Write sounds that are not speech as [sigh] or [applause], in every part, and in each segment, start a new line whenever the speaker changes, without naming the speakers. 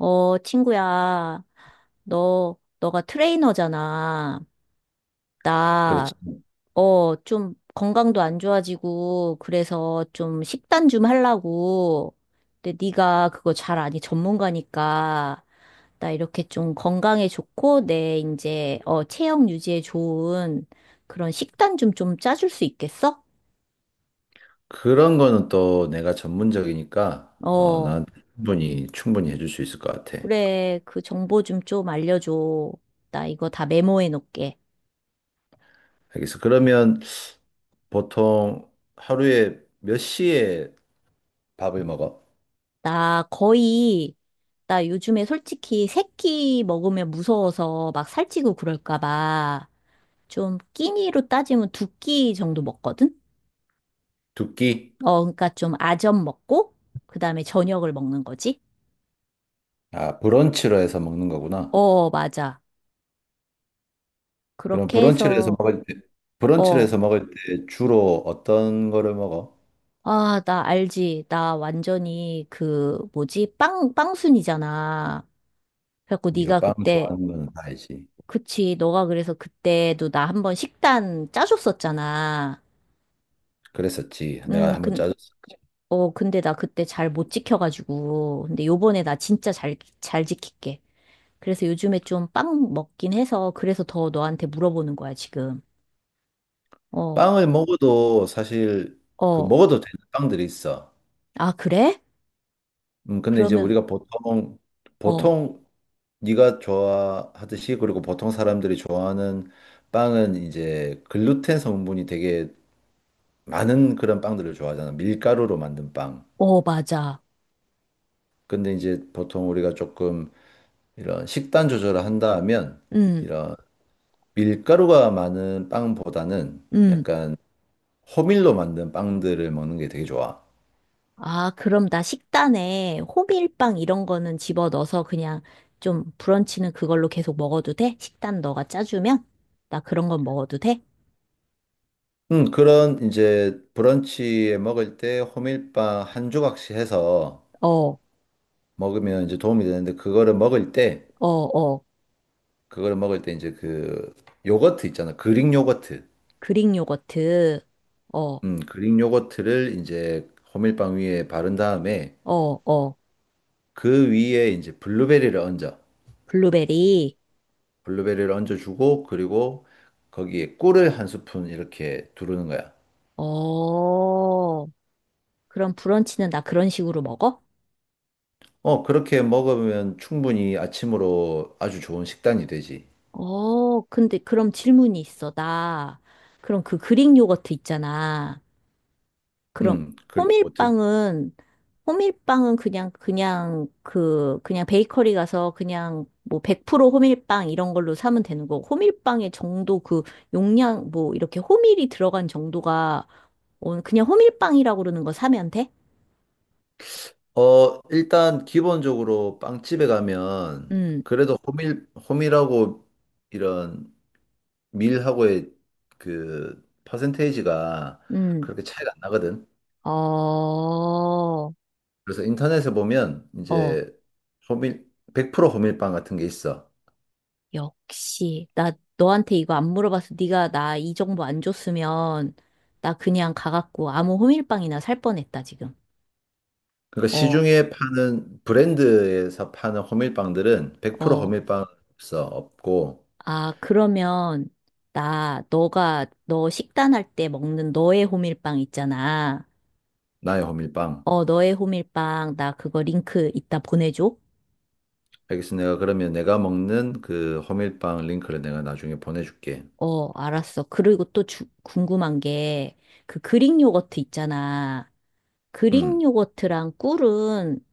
어, 친구야, 너가 트레이너잖아. 나,
그렇지.
어, 좀 건강도 안 좋아지고, 그래서 좀 식단 좀 하려고. 근데 네가 그거 잘 아니, 전문가니까. 나 이렇게 좀 건강에 좋고, 내 이제, 어, 체형 유지에 좋은 그런 식단 좀 짜줄 수 있겠어?
그런 거는 또 내가 전문적이니까
어,
나한테 충분히 해줄 수 있을 것 같아.
그래. 그 정보 좀 알려줘. 나 이거 다 메모해 놓을게.
알겠어. 그러면 보통 하루에 몇 시에 밥을 먹어?
나 거의, 나 요즘에 솔직히 새끼 먹으면 무서워서 막 살찌고 그럴까 봐. 좀 끼니로 따지면 두 끼 정도 먹거든?
두 끼?
어, 그러니까 좀 아점 먹고, 그 다음에 저녁을 먹는 거지?
아, 브런치로 해서 먹는 거구나.
어, 맞아.
그럼
그렇게 해서,
브런치로
어,
해서 먹을 때 주로 어떤 거를 먹어?
아, 나 알지. 나 완전히 그, 뭐지? 빵순이잖아. 그래갖고
네가
네가
빵
그때,
좋아하는 거는 다 알지.
그치. 너가 그래서 그때도 나 한번 식단 짜줬었잖아.
그랬었지. 내가 한번
그,
짜줬어.
어, 근데 나 그때 잘 못 지켜가지고. 근데 요번에 나 진짜 잘 지킬게. 그래서 요즘에 좀 빵 먹긴 해서 그래서 더 너한테 물어보는 거야, 지금. 어,
빵을 먹어도 사실 그
어.
먹어도 되는 빵들이 있어.
아, 그래?
근데 이제
그러면,
우리가 보통,
어,
보통 네가 좋아하듯이, 그리고 보통 사람들이 좋아하는 빵은 이제 글루텐 성분이 되게 많은 그런 빵들을 좋아하잖아. 밀가루로 만든 빵.
어, 맞아.
근데 이제 보통 우리가 조금 이런 식단 조절을 한다 하면
음,
이런 밀가루가 많은 빵보다는
음.
약간 호밀로 만든 빵들을 먹는 게 되게 좋아.
아, 그럼 나 식단에 호밀빵 이런 거는 집어넣어서 그냥 좀 브런치는 그걸로 계속 먹어도 돼? 식단 너가 짜주면? 나 그런 건 먹어도 돼?
그런 이제 브런치에 먹을 때 호밀빵 한 조각씩 해서
어, 어,
먹으면 이제 도움이 되는데,
어.
그거를 먹을 때 이제 그 요거트 있잖아. 그릭 요거트.
그릭 요거트. 어,
그릭 요거트를 이제 호밀빵 위에 바른 다음에
어, 어.
그 위에 이제 블루베리를 얹어.
블루베리.
블루베리를 얹어주고, 그리고 거기에 꿀을 한 스푼 이렇게 두르는 거야.
어, 그럼 브런치는 나 그런 식으로 먹어?
어, 그렇게 먹으면 충분히 아침으로 아주 좋은 식단이 되지.
어, 근데 그럼 질문이 있어. 나, 그럼 그 그릭 요거트 있잖아. 그럼
그릭 요거트.
호밀빵은, 호밀빵은 그냥 베이커리 가서 그냥 뭐 100% 호밀빵 이런 걸로 사면 되는 거고, 호밀빵의 정도 그 용량, 뭐 이렇게 호밀이 들어간 정도가, 어, 그냥 호밀빵이라고 그러는 거 사면 돼?
어, 일단 기본적으로 빵집에 가면
음,
그래도 호밀하고 이런 밀하고의 그 퍼센테이지가
음.
그렇게 차이가 안 나거든.
어,
그래서 인터넷에 보면
어,
이제 호밀, 100% 호밀빵 같은 게 있어.
역시. 나 너한테 이거 안 물어봐서 네가 나 이 정보 안 줬으면 나 그냥 가갖고 아무 호밀빵이나 살 뻔했다, 지금.
그러니까
어,
시중에 파는 브랜드에서 파는 호밀빵들은 100%
어.
호밀빵 없어. 없고.
아, 그러면 나 너가 너 식단할 때 먹는 너의 호밀빵 있잖아.
나의 호밀빵.
어, 너의 호밀빵 나 그거 링크 이따 보내줘.
알겠어. 내가 그러면 내가 먹는 그 호밀빵 링크를 내가 나중에 보내줄게.
어, 알았어. 그리고 또 주, 궁금한 게 그 그릭 요거트 있잖아. 그릭
음.
요거트랑 꿀은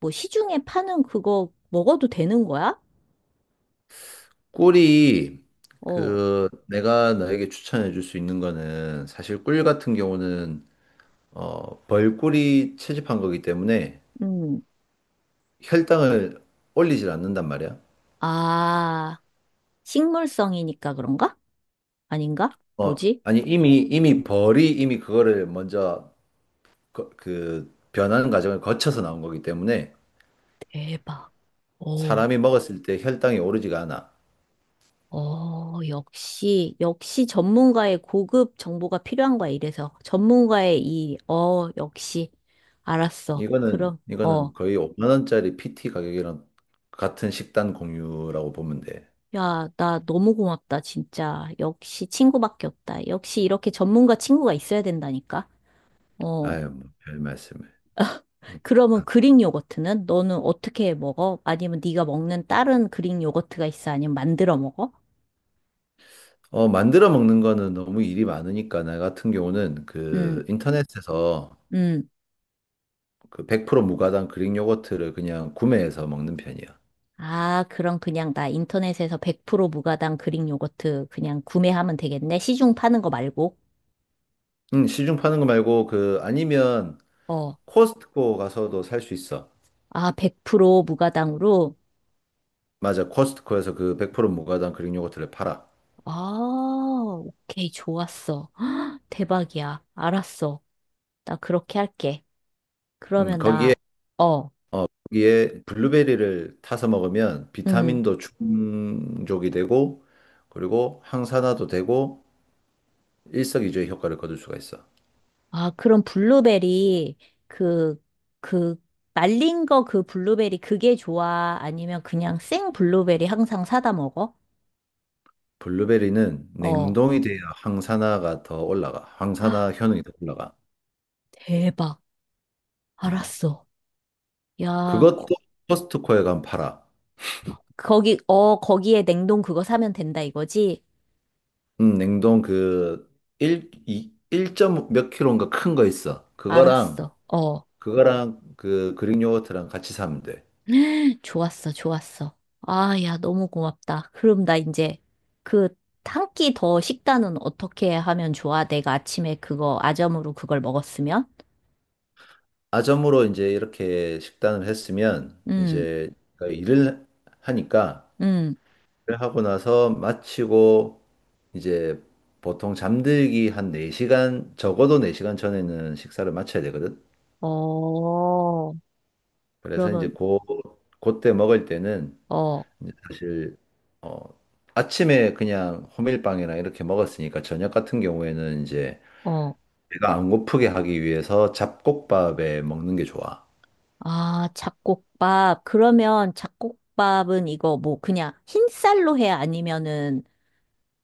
뭐 시중에 파는 그거 먹어도 되는 거야?
꿀이,
어,
그 내가 너에게 추천해 줄 수 있는 거는 사실 꿀 같은 경우는 벌꿀이 채집한 거기 때문에
음.
혈당을 올리질 않는단 말이야.
아, 식물성이니까 그런가? 아닌가? 뭐지?
아니, 이미 벌이 이미 그거를 먼저 그 변하는 과정을 거쳐서 나온 거기 때문에
대박. 어,
사람이 먹었을 때 혈당이 오르지가 않아.
어, 역시 전문가의 고급 정보가 필요한 거야, 이래서. 전문가의 이, 어, 역시. 알았어.
이거는
그럼, 어.
이거는 거의 5만 원짜리 PT 가격이랑 같은 식단 공유라고 보면 돼.
야, 나 너무 고맙다, 진짜. 역시 친구밖에 없다. 역시 이렇게 전문가 친구가 있어야 된다니까. 어.
아유, 뭐별 말씀을.
그러면 그릭 요거트는 너는 어떻게 먹어? 아니면 네가 먹는 다른 그릭 요거트가 있어? 아니면 만들어 먹어?
어, 만들어 먹는 거는 너무 일이 많으니까 나 같은 경우는
음,
그 인터넷에서
음.
그 100% 무가당 그릭 요거트를 그냥 구매해서 먹는 편이야.
아, 그럼 그냥 나 인터넷에서 100% 무가당 그릭 요거트 그냥 구매하면 되겠네. 시중 파는 거 말고.
응, 시중 파는 거 말고, 그 아니면
어.
코스트코 가서도 살 수 있어.
아, 100% 무가당으로.
맞아, 코스트코에서 그 100% 무가당 그릭 요거트를 팔아.
아, 오케이. 좋았어. [gasps] 헉, 대박이야. 알았어. 나 그렇게 할게. 그러면
거기에
나, 어,
거기에 블루베리를 타서 먹으면
음.
비타민도 충족이 되고, 그리고 항산화도 되고 일석이조의 효과를 거둘 수가 있어.
아, 그럼 블루베리, 그, 그, 말린 거 그 블루베리 그게 좋아? 아니면 그냥 생 블루베리 항상 사다 먹어?
블루베리는
어.
냉동이 돼야 항산화가 더 올라가.
아,
항산화 효능이 더 올라가.
대박.
음.
알았어. 야, 거,
그것도 코스트코에 가면 팔아.
거기, 어, 거기에 냉동 그거 사면 된다 이거지?
냉동 그 1, 2, 1.몇 킬로인가 큰 거 있어. 그거랑
알았어. 어.
그 그릭 요거트랑 같이 사면 돼.
[gasps] [laughs] 좋았어. 아, 야, 너무 고맙다. 그럼 나 이제 그, 한 끼 더 식단은 어떻게 하면 좋아? 내가 아침에 그거 아점으로 그걸 먹었으면?
아점으로 이제 이렇게 식단을 했으면,
음,
이제 일을 하니까,
음.
하고 나서 마치고 이제 보통 잠들기 한 4시간, 적어도 4시간 전에는 식사를 마쳐야 되거든.
어,
그래서 이제
그러면,
그때 먹을 때는
어,
이제 사실, 어, 아침에 그냥 호밀빵이나 이렇게 먹었으니까 저녁 같은 경우에는 이제
어,
배가 안 고프게 하기 위해서 잡곡밥에 먹는 게 좋아.
아, 잡곡밥. 그러면 잡곡밥은 이거 뭐 그냥 흰쌀로 해? 아니면은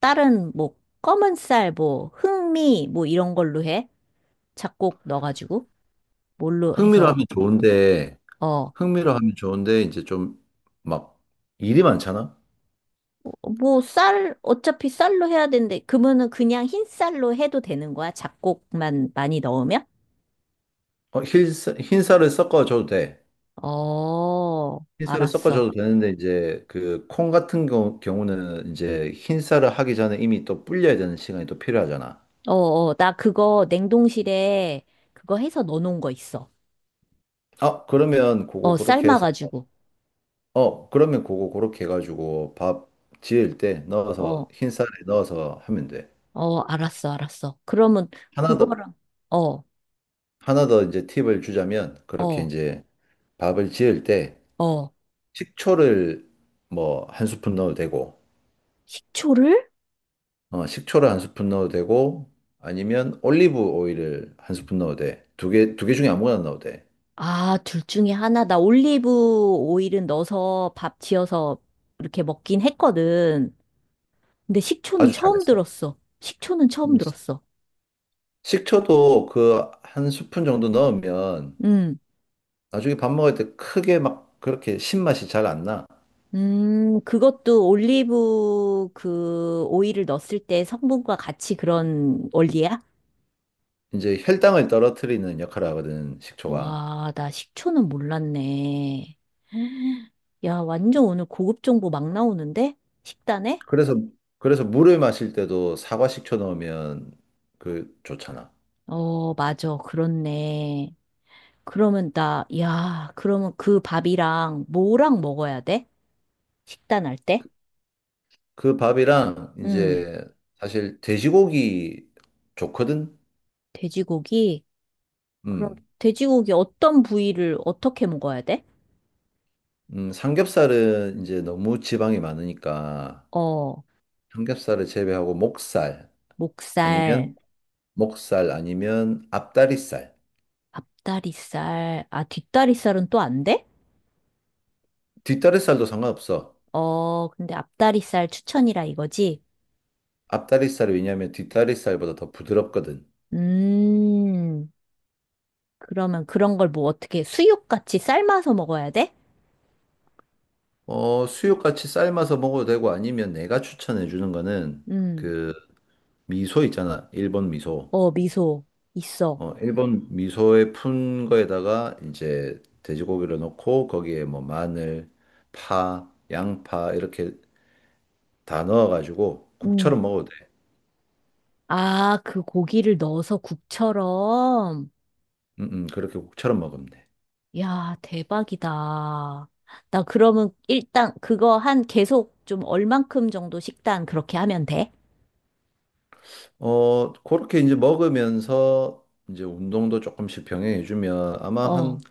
다른 뭐 검은 쌀, 뭐 흑미, 뭐 이런 걸로 해? 잡곡 넣어가지고? 뭘로
흥미로
해서,
하면 좋은데,
어,
흥미로 하면 좋은데 이제 좀 막 일이 많잖아.
뭐 쌀, 어차피 쌀로 해야 되는데, 그러면은 그냥 흰쌀로 해도 되는 거야? 잡곡만 많이 넣으면?
어, 흰쌀을 섞어줘도 돼.
어,
흰쌀을
알았어.
섞어줘도 되는데 이제 그 콩 같은 경우는 이제 흰쌀을 하기 전에 이미 또 불려야 되는 시간이 또 필요하잖아.
어, 어, 나 그거 냉동실에 그거 해서 넣어놓은 거 있어.
어, 그러면 그거
어,
그렇게 해서.
삶아가지고.
어, 그러면 그거 그렇게 해가지고 밥 지을 때 넣어서
어,
흰쌀에 넣어서 하면 돼.
어, 알았어. 그러면
하나 더
그거랑, 어,
하나 더 이제 팁을 주자면, 그렇게
어,
이제 밥을 지을 때
어,
식초를 뭐 한 스푼 넣어도 되고.
식초를?
어, 식초를 한 스푼 넣어도 되고, 아니면 올리브 오일을 한 스푼 넣어도 돼. 두 개 중에 아무거나 넣어도 돼.
아, 둘 중에 하나. 나 올리브 오일은 넣어서 밥 지어서 이렇게 먹긴 했거든. 근데 식초는
아주
처음
잘했어.
들었어. 식초는 처음
음, 시-
들었어.
식초도 그 한 스푼 정도 넣으면
음,
나중에 밥 먹을 때 크게 막 그렇게 신맛이 잘 안 나.
그것도 올리브 그 오일을 넣었을 때 성분과 같이 그런 원리야?
이제 혈당을 떨어뜨리는 역할을 하거든, 식초가.
와, 나 식초는 몰랐네. 야, 완전 오늘 고급 정보 막 나오는데? 식단에?
그래서, 그래서 물을 마실 때도 사과 식초 넣으면 그 좋잖아.
어, 맞아. 그렇네. 그러면 나, 야, 그러면 그 밥이랑 뭐랑 먹어야 돼? 식단할 때?
그 밥이랑
음,
이제 사실 돼지고기 좋거든?
돼지고기? 그럼
음,
돼지고기 어떤 부위를 어떻게 먹어야 돼?
삼겹살은 이제 너무 지방이 많으니까
어,
삼겹살을 제외하고
목살,
아니면 목살 아니면 앞다리살.
앞다리살, 아, 뒷다리살은 또 안 돼?
뒷다리살도 상관없어.
어, 근데 앞다리살 추천이라 이거지?
앞다리살이, 왜냐면 뒷다리살보다 더 부드럽거든.
음, 그러면 그런 걸 뭐 어떻게 수육같이 삶아서 먹어야 돼?
어, 수육같이 삶아서 먹어도 되고 아니면 내가 추천해 주는 거는
음,
그 미소 있잖아. 일본 미소.
어, 미소 있어.
어, 일본 미소에 푼 거에다가 이제 돼지고기를 넣고, 거기에 뭐 마늘, 파, 양파 이렇게 다 넣어가지고
음,
국처럼 먹어도 돼.
아, 그 고기를 넣어서 국처럼.
그렇게 국처럼 먹으면 돼.
야, 대박이다. 나 그러면 일단 그거 한 계속 좀 얼만큼 정도 식단 그렇게 하면 돼?
어, 그렇게 이제 먹으면서 이제 운동도 조금씩 병행해주면 아마 한,
어.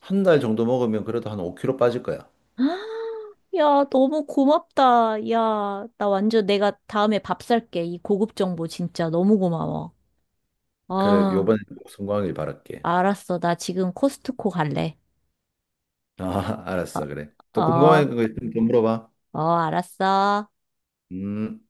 한 달 정도 먹으면 그래도 한 5kg 빠질 거야.
[gasps] 야, 너무 고맙다. 야, 나 완전 내가 다음에 밥 살게. 이 고급 정보 진짜 너무 고마워.
그래,
아.
요번에 꼭 성공하길 바랄게.
알았어. 나 지금 코스트코 갈래.
아, [laughs] 알았어, 그래. 또
어,
궁금한 거 있으면 좀 물어봐.
알았어.
음.